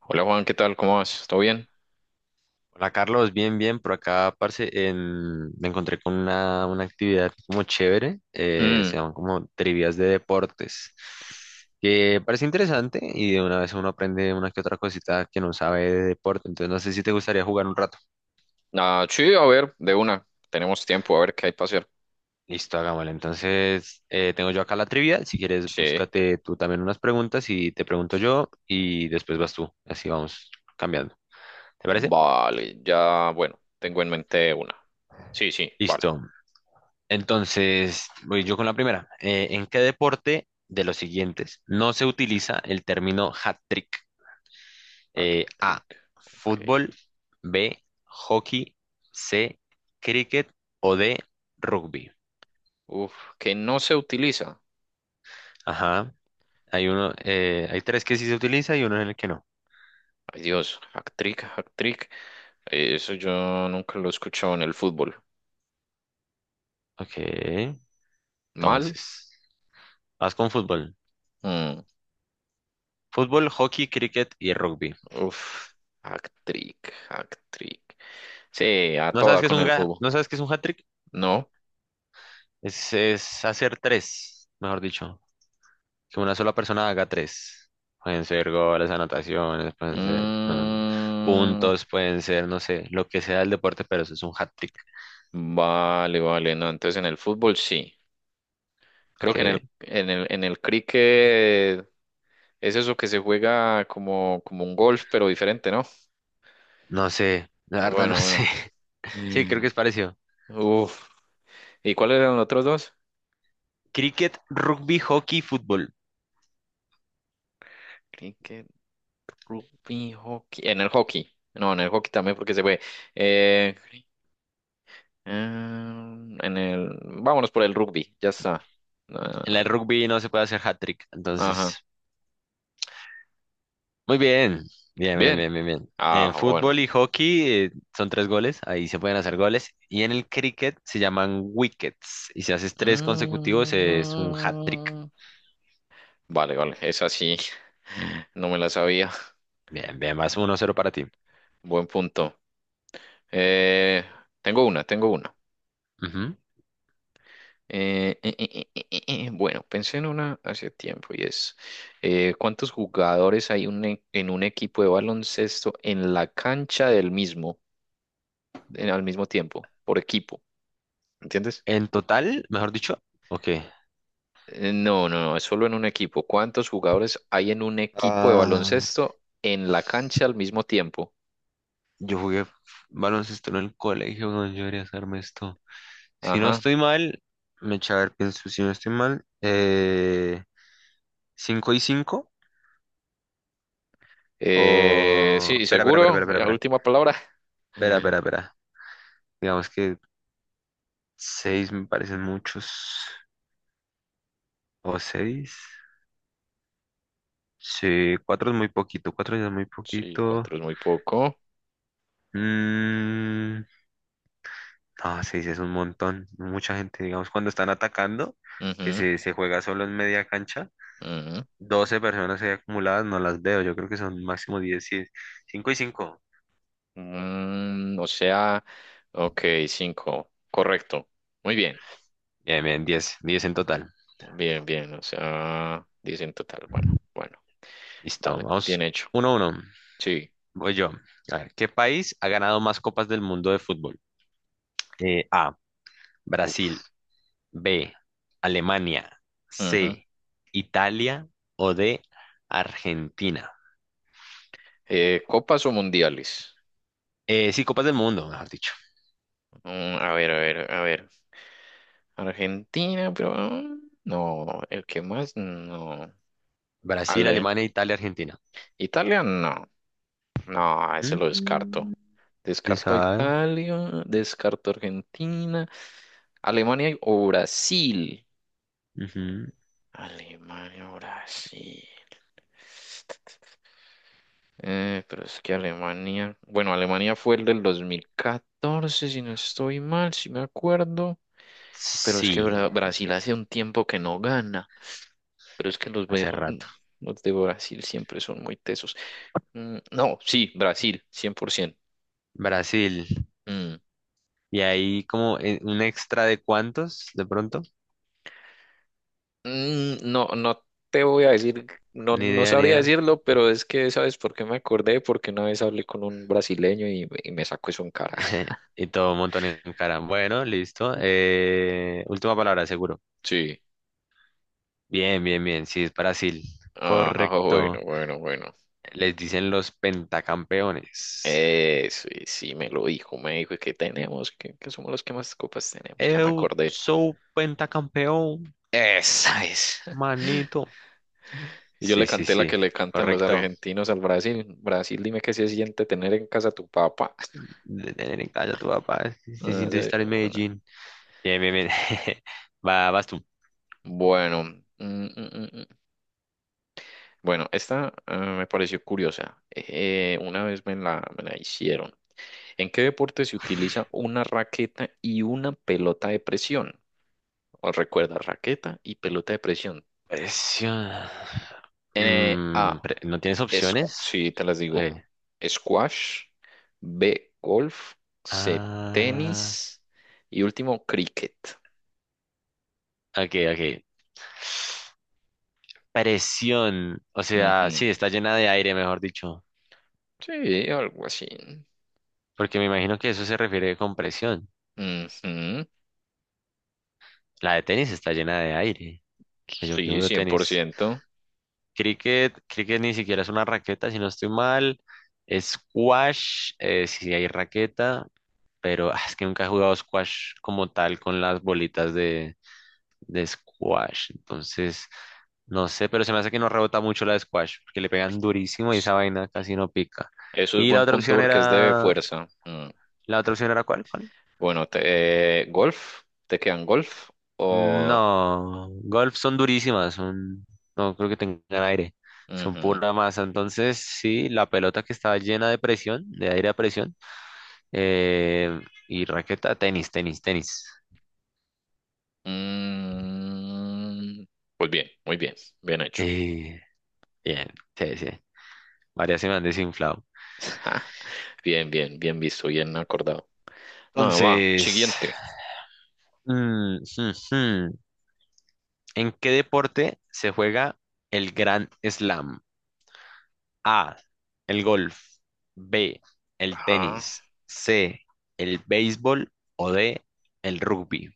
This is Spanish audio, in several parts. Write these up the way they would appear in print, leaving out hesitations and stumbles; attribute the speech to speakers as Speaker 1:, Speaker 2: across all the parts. Speaker 1: Hola Juan, ¿qué tal? ¿Cómo vas? ¿Todo bien?
Speaker 2: Hola Carlos, bien, bien, por acá, parce, me encontré con una actividad como chévere, se
Speaker 1: Mm.
Speaker 2: llaman como trivias de deportes, que parece interesante y de una vez uno aprende una que otra cosita que no sabe de deporte, entonces no sé si te gustaría jugar un rato.
Speaker 1: Ah, sí, a ver, de una. Tenemos tiempo, a ver qué hay para hacer.
Speaker 2: Listo, hagámosle. Entonces, tengo yo acá la trivia, si quieres
Speaker 1: Sí,
Speaker 2: búscate tú también unas preguntas y te pregunto yo y después vas tú, así vamos cambiando. ¿Te parece?
Speaker 1: vale, ya, bueno, tengo en mente una. Sí, sí, vale.
Speaker 2: Listo. Entonces, voy yo con la primera. ¿En qué deporte de los siguientes no se utiliza el término hat-trick? A,
Speaker 1: Actric, ok.
Speaker 2: fútbol, B, hockey, C, cricket o D, rugby.
Speaker 1: Uf, que no se utiliza.
Speaker 2: Ajá, hay uno, hay tres que sí se utiliza y uno en el que no.
Speaker 1: Ay Dios, actric, actric. Eso yo nunca lo he escuchado en el fútbol.
Speaker 2: Ok,
Speaker 1: ¿Mal?
Speaker 2: entonces, vas con fútbol.
Speaker 1: Mm.
Speaker 2: Fútbol, hockey, cricket y rugby.
Speaker 1: Uf, actric, actric. Sí, a
Speaker 2: ¿No sabes
Speaker 1: toda
Speaker 2: qué es
Speaker 1: con
Speaker 2: un,
Speaker 1: el fútbol.
Speaker 2: ¿no sabes qué es un hat-trick?
Speaker 1: No.
Speaker 2: Es hacer tres, mejor dicho. Que una sola persona haga tres. Pueden ser goles, anotaciones, pueden ser
Speaker 1: Mm,
Speaker 2: puntos, pueden ser, no sé, lo que sea el deporte, pero eso es un hat-trick.
Speaker 1: vale, vale, no, entonces en el fútbol sí. Creo
Speaker 2: Ok.
Speaker 1: que en el cricket es eso que se juega como, como un golf, pero diferente, ¿no?
Speaker 2: No sé, la verdad no
Speaker 1: Bueno, bueno.
Speaker 2: sé. Sí, creo que
Speaker 1: Mm.
Speaker 2: es parecido.
Speaker 1: Uf. ¿Y cuáles eran los otros dos?
Speaker 2: Cricket, rugby, hockey, fútbol.
Speaker 1: Cricket, rugby, hockey. En el hockey. No, en el hockey también porque se fue. Eh, cri- ah, Vámonos por el rugby, ya está. Ah,
Speaker 2: En el rugby no se puede hacer hat-trick,
Speaker 1: ajá.
Speaker 2: entonces. Muy bien, bien, bien,
Speaker 1: Bien.
Speaker 2: bien, bien, bien. En
Speaker 1: Ah,
Speaker 2: fútbol
Speaker 1: bueno.
Speaker 2: y hockey son tres goles, ahí se pueden hacer goles. Y en el cricket se llaman wickets. Y si haces tres consecutivos es un hat-trick.
Speaker 1: Mm. Vale, vale, esa sí, no me la sabía.
Speaker 2: Bien, bien, vas uno cero para ti.
Speaker 1: Buen punto. Eh, Tengo una, tengo una.
Speaker 2: Ujú.
Speaker 1: Bueno, pensé en una hace tiempo y es, ¿cuántos jugadores hay en un equipo de baloncesto en la cancha del mismo, al mismo tiempo, por equipo? ¿Entiendes?
Speaker 2: En total, mejor dicho, ok.
Speaker 1: No, no, no, es solo en un equipo. ¿Cuántos jugadores hay en un equipo de
Speaker 2: Ah,
Speaker 1: baloncesto en la cancha al mismo tiempo?
Speaker 2: yo jugué baloncesto en el colegio, no, yo debería hacerme esto. Si no
Speaker 1: Ajá.
Speaker 2: estoy mal, me echa a ver, pienso, si no estoy mal, 5 y 5 o...
Speaker 1: Sí,
Speaker 2: Espera, espera, espera,
Speaker 1: seguro.
Speaker 2: espera,
Speaker 1: Ya,
Speaker 2: espera,
Speaker 1: última palabra.
Speaker 2: espera,
Speaker 1: Mm,
Speaker 2: espera, espera. Digamos que 6 me parecen muchos, o seis. Sí, 4 es muy poquito, 4 ya es muy
Speaker 1: sí,
Speaker 2: poquito.
Speaker 1: cuatro es muy poco.
Speaker 2: Mm. Ah, sí, sí, es un montón. Mucha gente, digamos, cuando están atacando, que
Speaker 1: Ujú,
Speaker 2: se, se juega solo en media cancha,
Speaker 1: ujú.
Speaker 2: 12 personas ahí acumuladas, no las veo. Yo creo que son máximo 10, cinco y cinco.
Speaker 1: O sea, ok, cinco. Correcto. Muy bien.
Speaker 2: Bien, bien, 10, 10 en total.
Speaker 1: Bien, bien. O sea, 10 en total. Bueno, bueno.
Speaker 2: Listo,
Speaker 1: Vale, bien
Speaker 2: vamos
Speaker 1: hecho.
Speaker 2: 1 uno.
Speaker 1: Sí.
Speaker 2: Voy yo. A ver, ¿qué país ha ganado más copas del mundo de fútbol? A, Brasil,
Speaker 1: Uf.
Speaker 2: B, Alemania,
Speaker 1: Ujú.
Speaker 2: C, Italia o D, Argentina.
Speaker 1: ¿Copas o mundiales?
Speaker 2: Sí, copas del mundo, mejor dicho.
Speaker 1: A ver, a ver, a ver. Argentina, pero... no, el que más, no.
Speaker 2: Brasil,
Speaker 1: Ale.
Speaker 2: Alemania, Italia, Argentina.
Speaker 1: Italia, no. No, ese lo
Speaker 2: Mm.
Speaker 1: descarto.
Speaker 2: ¿Quién
Speaker 1: Descarto a
Speaker 2: sabe?
Speaker 1: Italia, descarto a Argentina, Alemania o Brasil.
Speaker 2: Ujú.
Speaker 1: Alemania o Brasil. Pero es que Alemania, bueno, Alemania fue el del 2014, si no estoy mal, si me acuerdo. Pero es que
Speaker 2: Sí,
Speaker 1: Brasil hace un tiempo que no gana. Pero es que
Speaker 2: hace rato.
Speaker 1: los de Brasil siempre son muy tesos. Mm, no, sí, Brasil, 100%.
Speaker 2: Brasil. Y ahí como un extra de cuántos, de pronto.
Speaker 1: Mm, no, no te voy a decir, no,
Speaker 2: Ni
Speaker 1: no
Speaker 2: idea, ni
Speaker 1: sabría
Speaker 2: idea.
Speaker 1: decirlo, pero es que sabes por qué me acordé, porque una vez hablé con un brasileño y me sacó eso en cara.
Speaker 2: Y todo un montón en cara. Bueno, listo. Última palabra, seguro.
Speaker 1: Sí,
Speaker 2: Bien, bien, bien. Sí, es Brasil.
Speaker 1: ajá, bueno,
Speaker 2: Correcto.
Speaker 1: bueno, bueno.
Speaker 2: Les dicen los pentacampeones.
Speaker 1: Sí, sí, me lo dijo, me dijo que tenemos, que somos los que más copas tenemos, ya me
Speaker 2: Eu
Speaker 1: acordé.
Speaker 2: sou pentacampeón,
Speaker 1: Esa es.
Speaker 2: manito.
Speaker 1: Y yo le
Speaker 2: Sí, sí,
Speaker 1: canté la
Speaker 2: sí.
Speaker 1: que le cantan los
Speaker 2: Correcto.
Speaker 1: argentinos al Brasil. Brasil, dime qué se siente tener en casa a tu papá.
Speaker 2: De tener en casa a tu papá. Si se
Speaker 1: Ah,
Speaker 2: siente
Speaker 1: sí,
Speaker 2: estar en
Speaker 1: bueno.
Speaker 2: Medellín. Bien, bien, bien. Va, vas tú.
Speaker 1: Bueno. mm, mm, mm, Bueno, esta, ah, me pareció curiosa. Una vez me la hicieron. ¿En qué deporte se utiliza una raqueta y una pelota de presión? ¿Os recuerda, raqueta y pelota de presión?
Speaker 2: Presión. Mm,
Speaker 1: A,
Speaker 2: ¿no tienes
Speaker 1: es,
Speaker 2: opciones?
Speaker 1: sí, te las
Speaker 2: Ok.
Speaker 1: digo. Squash. B, golf. C,
Speaker 2: Ah,
Speaker 1: tenis. Y último, cricket.
Speaker 2: ok, ok. Presión. O sea, sí,
Speaker 1: Ujú.
Speaker 2: está llena de aire, mejor dicho.
Speaker 1: Sí, algo así.
Speaker 2: Porque me imagino que eso se refiere con presión.
Speaker 1: Ujú.
Speaker 2: La de tenis está llena de aire. Pues yo que
Speaker 1: Sí,
Speaker 2: juego
Speaker 1: cien por
Speaker 2: tenis.
Speaker 1: ciento.
Speaker 2: Cricket, cricket ni siquiera es una raqueta, si no estoy mal. Squash, si hay raqueta. Pero ah, es que nunca he jugado squash como tal con las bolitas de squash. Entonces, no sé, pero se me hace que no rebota mucho la de squash, porque le pegan durísimo y esa vaina casi no pica.
Speaker 1: Eso es
Speaker 2: Y la
Speaker 1: buen
Speaker 2: otra
Speaker 1: punto
Speaker 2: opción
Speaker 1: porque es de
Speaker 2: era,
Speaker 1: fuerza.
Speaker 2: ¿la otra opción era cuál? ¿Cuál?
Speaker 1: Bueno, golf, ¿te quedan golf o...?
Speaker 2: No, golf son durísimas, son, no creo que tengan aire, son
Speaker 1: Ujú.
Speaker 2: pura masa. Entonces, sí, la pelota que estaba llena de presión, de aire a presión, eh, y raqueta, tenis, tenis, tenis.
Speaker 1: Mm, pues bien, muy bien, bien hecho.
Speaker 2: Eh, bien, sí, sí. Varias se me han desinflado.
Speaker 1: Bien, bien, bien visto, bien acordado. No, va,
Speaker 2: Entonces,
Speaker 1: siguiente.
Speaker 2: mm, mm, mm. ¿En qué deporte se juega el Grand Slam? A, el golf, B, el
Speaker 1: Ajá.
Speaker 2: tenis, C, el béisbol o D, el rugby.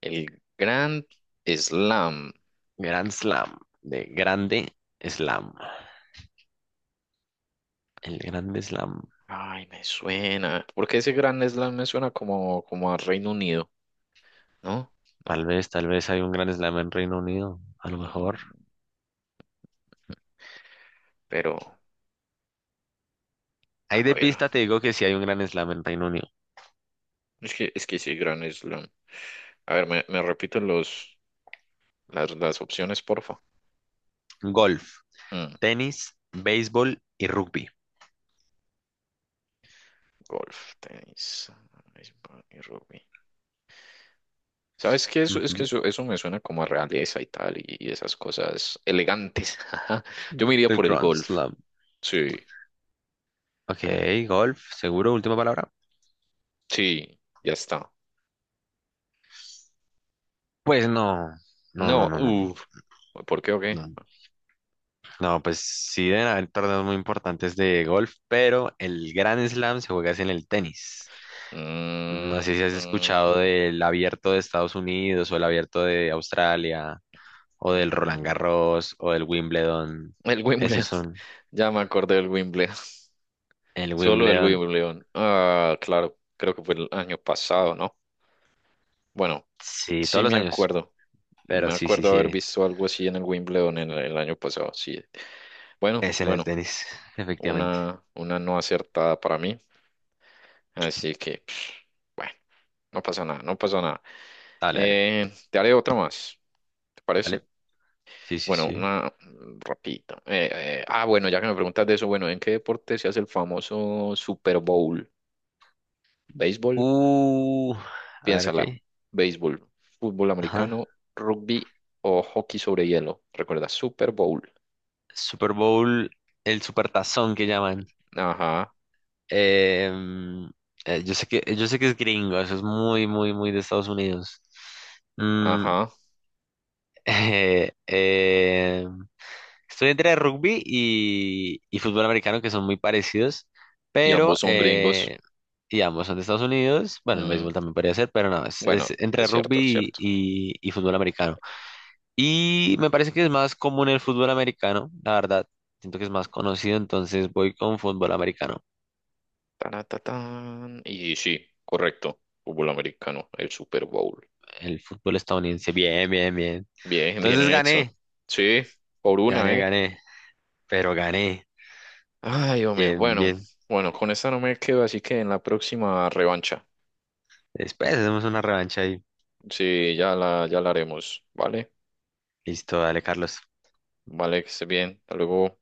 Speaker 1: El Grand Slam.
Speaker 2: Grand Slam, de Grande Slam. El Grande Slam.
Speaker 1: Ay, me suena. Porque ese Grand Slam me suena como a Reino Unido, ¿no? No.
Speaker 2: Tal vez hay un Grand Slam en Reino Unido, a lo
Speaker 1: Mm,
Speaker 2: mejor.
Speaker 1: Pero,
Speaker 2: Ahí
Speaker 1: a
Speaker 2: de
Speaker 1: ver.
Speaker 2: pista te digo que sí hay un Grand Slam en Reino Unido.
Speaker 1: Es que sí, Grand Slam. A ver, me repito los. Las opciones, porfa.
Speaker 2: Golf,
Speaker 1: Mm,
Speaker 2: tenis, béisbol y rugby.
Speaker 1: Golf, tenis, béisbol y rugby. ¿Sabes qué? Es que
Speaker 2: Ujú.
Speaker 1: eso me suena como a realeza y tal, y esas cosas elegantes. Ajá. Yo me iría
Speaker 2: El
Speaker 1: por el
Speaker 2: Grand
Speaker 1: golf.
Speaker 2: Slam.
Speaker 1: Sí,
Speaker 2: Ok,
Speaker 1: me-
Speaker 2: golf, seguro, última palabra.
Speaker 1: sí, ya está.
Speaker 2: Pues no, no, no,
Speaker 1: No,
Speaker 2: no, no, no.
Speaker 1: uff. ¿Por qué o qué?
Speaker 2: No, no, pues sí deben haber torneos muy importantes de golf, pero el Grand Slam se juega es en el tenis.
Speaker 1: Mm,
Speaker 2: No sé si has escuchado del abierto de Estados Unidos o el abierto de Australia o del Roland
Speaker 1: mm,
Speaker 2: Garros o del Wimbledon.
Speaker 1: el
Speaker 2: Esos
Speaker 1: Wimbledon.
Speaker 2: son
Speaker 1: Ya me acordé del Wimbledon.
Speaker 2: el
Speaker 1: Solo el
Speaker 2: Wimbledon,
Speaker 1: Wimbledon. Ah, claro, creo que fue el año pasado, ¿no? Bueno,
Speaker 2: sí,
Speaker 1: sí
Speaker 2: todos los
Speaker 1: me
Speaker 2: años,
Speaker 1: acuerdo.
Speaker 2: pero
Speaker 1: Me
Speaker 2: sí, sí,
Speaker 1: acuerdo haber
Speaker 2: sí,
Speaker 1: visto algo así en el Wimbledon en el año pasado. Sí. Bueno,
Speaker 2: es en el
Speaker 1: bueno,
Speaker 2: tenis, efectivamente.
Speaker 1: una no acertada para mí. Así que, bueno, no pasa nada, no pasa nada.
Speaker 2: Dale, dale,
Speaker 1: Te haré otra más, ¿te parece?
Speaker 2: dale. Sí, sí,
Speaker 1: Bueno,
Speaker 2: sí.
Speaker 1: una rapidita. Ah, bueno, ya que me preguntas de eso, bueno, ¿en qué deporte se hace el famoso Super Bowl? ¿Béisbol?
Speaker 2: Uh, a ver,
Speaker 1: Piénsala,
Speaker 2: ok.
Speaker 1: béisbol, fútbol americano,
Speaker 2: Ajá.
Speaker 1: rugby o hockey sobre hielo. Recuerda, Super Bowl.
Speaker 2: Super Bowl, el supertazón que llaman.
Speaker 1: Ajá,
Speaker 2: Em, yo sé que es gringo, eso es muy, muy, muy de Estados Unidos. Mm.
Speaker 1: ajá.
Speaker 2: eh, eh, estoy entre rugby y fútbol americano, que son muy parecidos,
Speaker 1: Y ambos
Speaker 2: pero
Speaker 1: son gringos.
Speaker 2: y ambos son de Estados Unidos. Bueno, el
Speaker 1: Mm,
Speaker 2: béisbol también podría ser, pero no, es
Speaker 1: Bueno,
Speaker 2: entre
Speaker 1: es cierto, es
Speaker 2: rugby
Speaker 1: cierto.
Speaker 2: y fútbol americano. Y me parece que es más común el fútbol americano, la verdad. Siento que es más conocido, entonces voy con fútbol americano.
Speaker 1: Taratatán. Y sí, correcto. Fútbol americano, el Super Bowl.
Speaker 2: El fútbol estadounidense, bien, bien, bien.
Speaker 1: Bien, bien
Speaker 2: Entonces
Speaker 1: hecho.
Speaker 2: gané,
Speaker 1: Sí, por una,
Speaker 2: gané,
Speaker 1: ¿eh?
Speaker 2: gané, pero gané.
Speaker 1: Ay, hombre.
Speaker 2: Bien,
Speaker 1: Bueno,
Speaker 2: bien.
Speaker 1: bueno, con esta no me quedo, así que en la próxima revancha.
Speaker 2: Después hacemos una revancha y
Speaker 1: Sí, ya la haremos, ¿vale?
Speaker 2: listo, dale, Carlos.
Speaker 1: Vale, que esté bien. Hasta luego.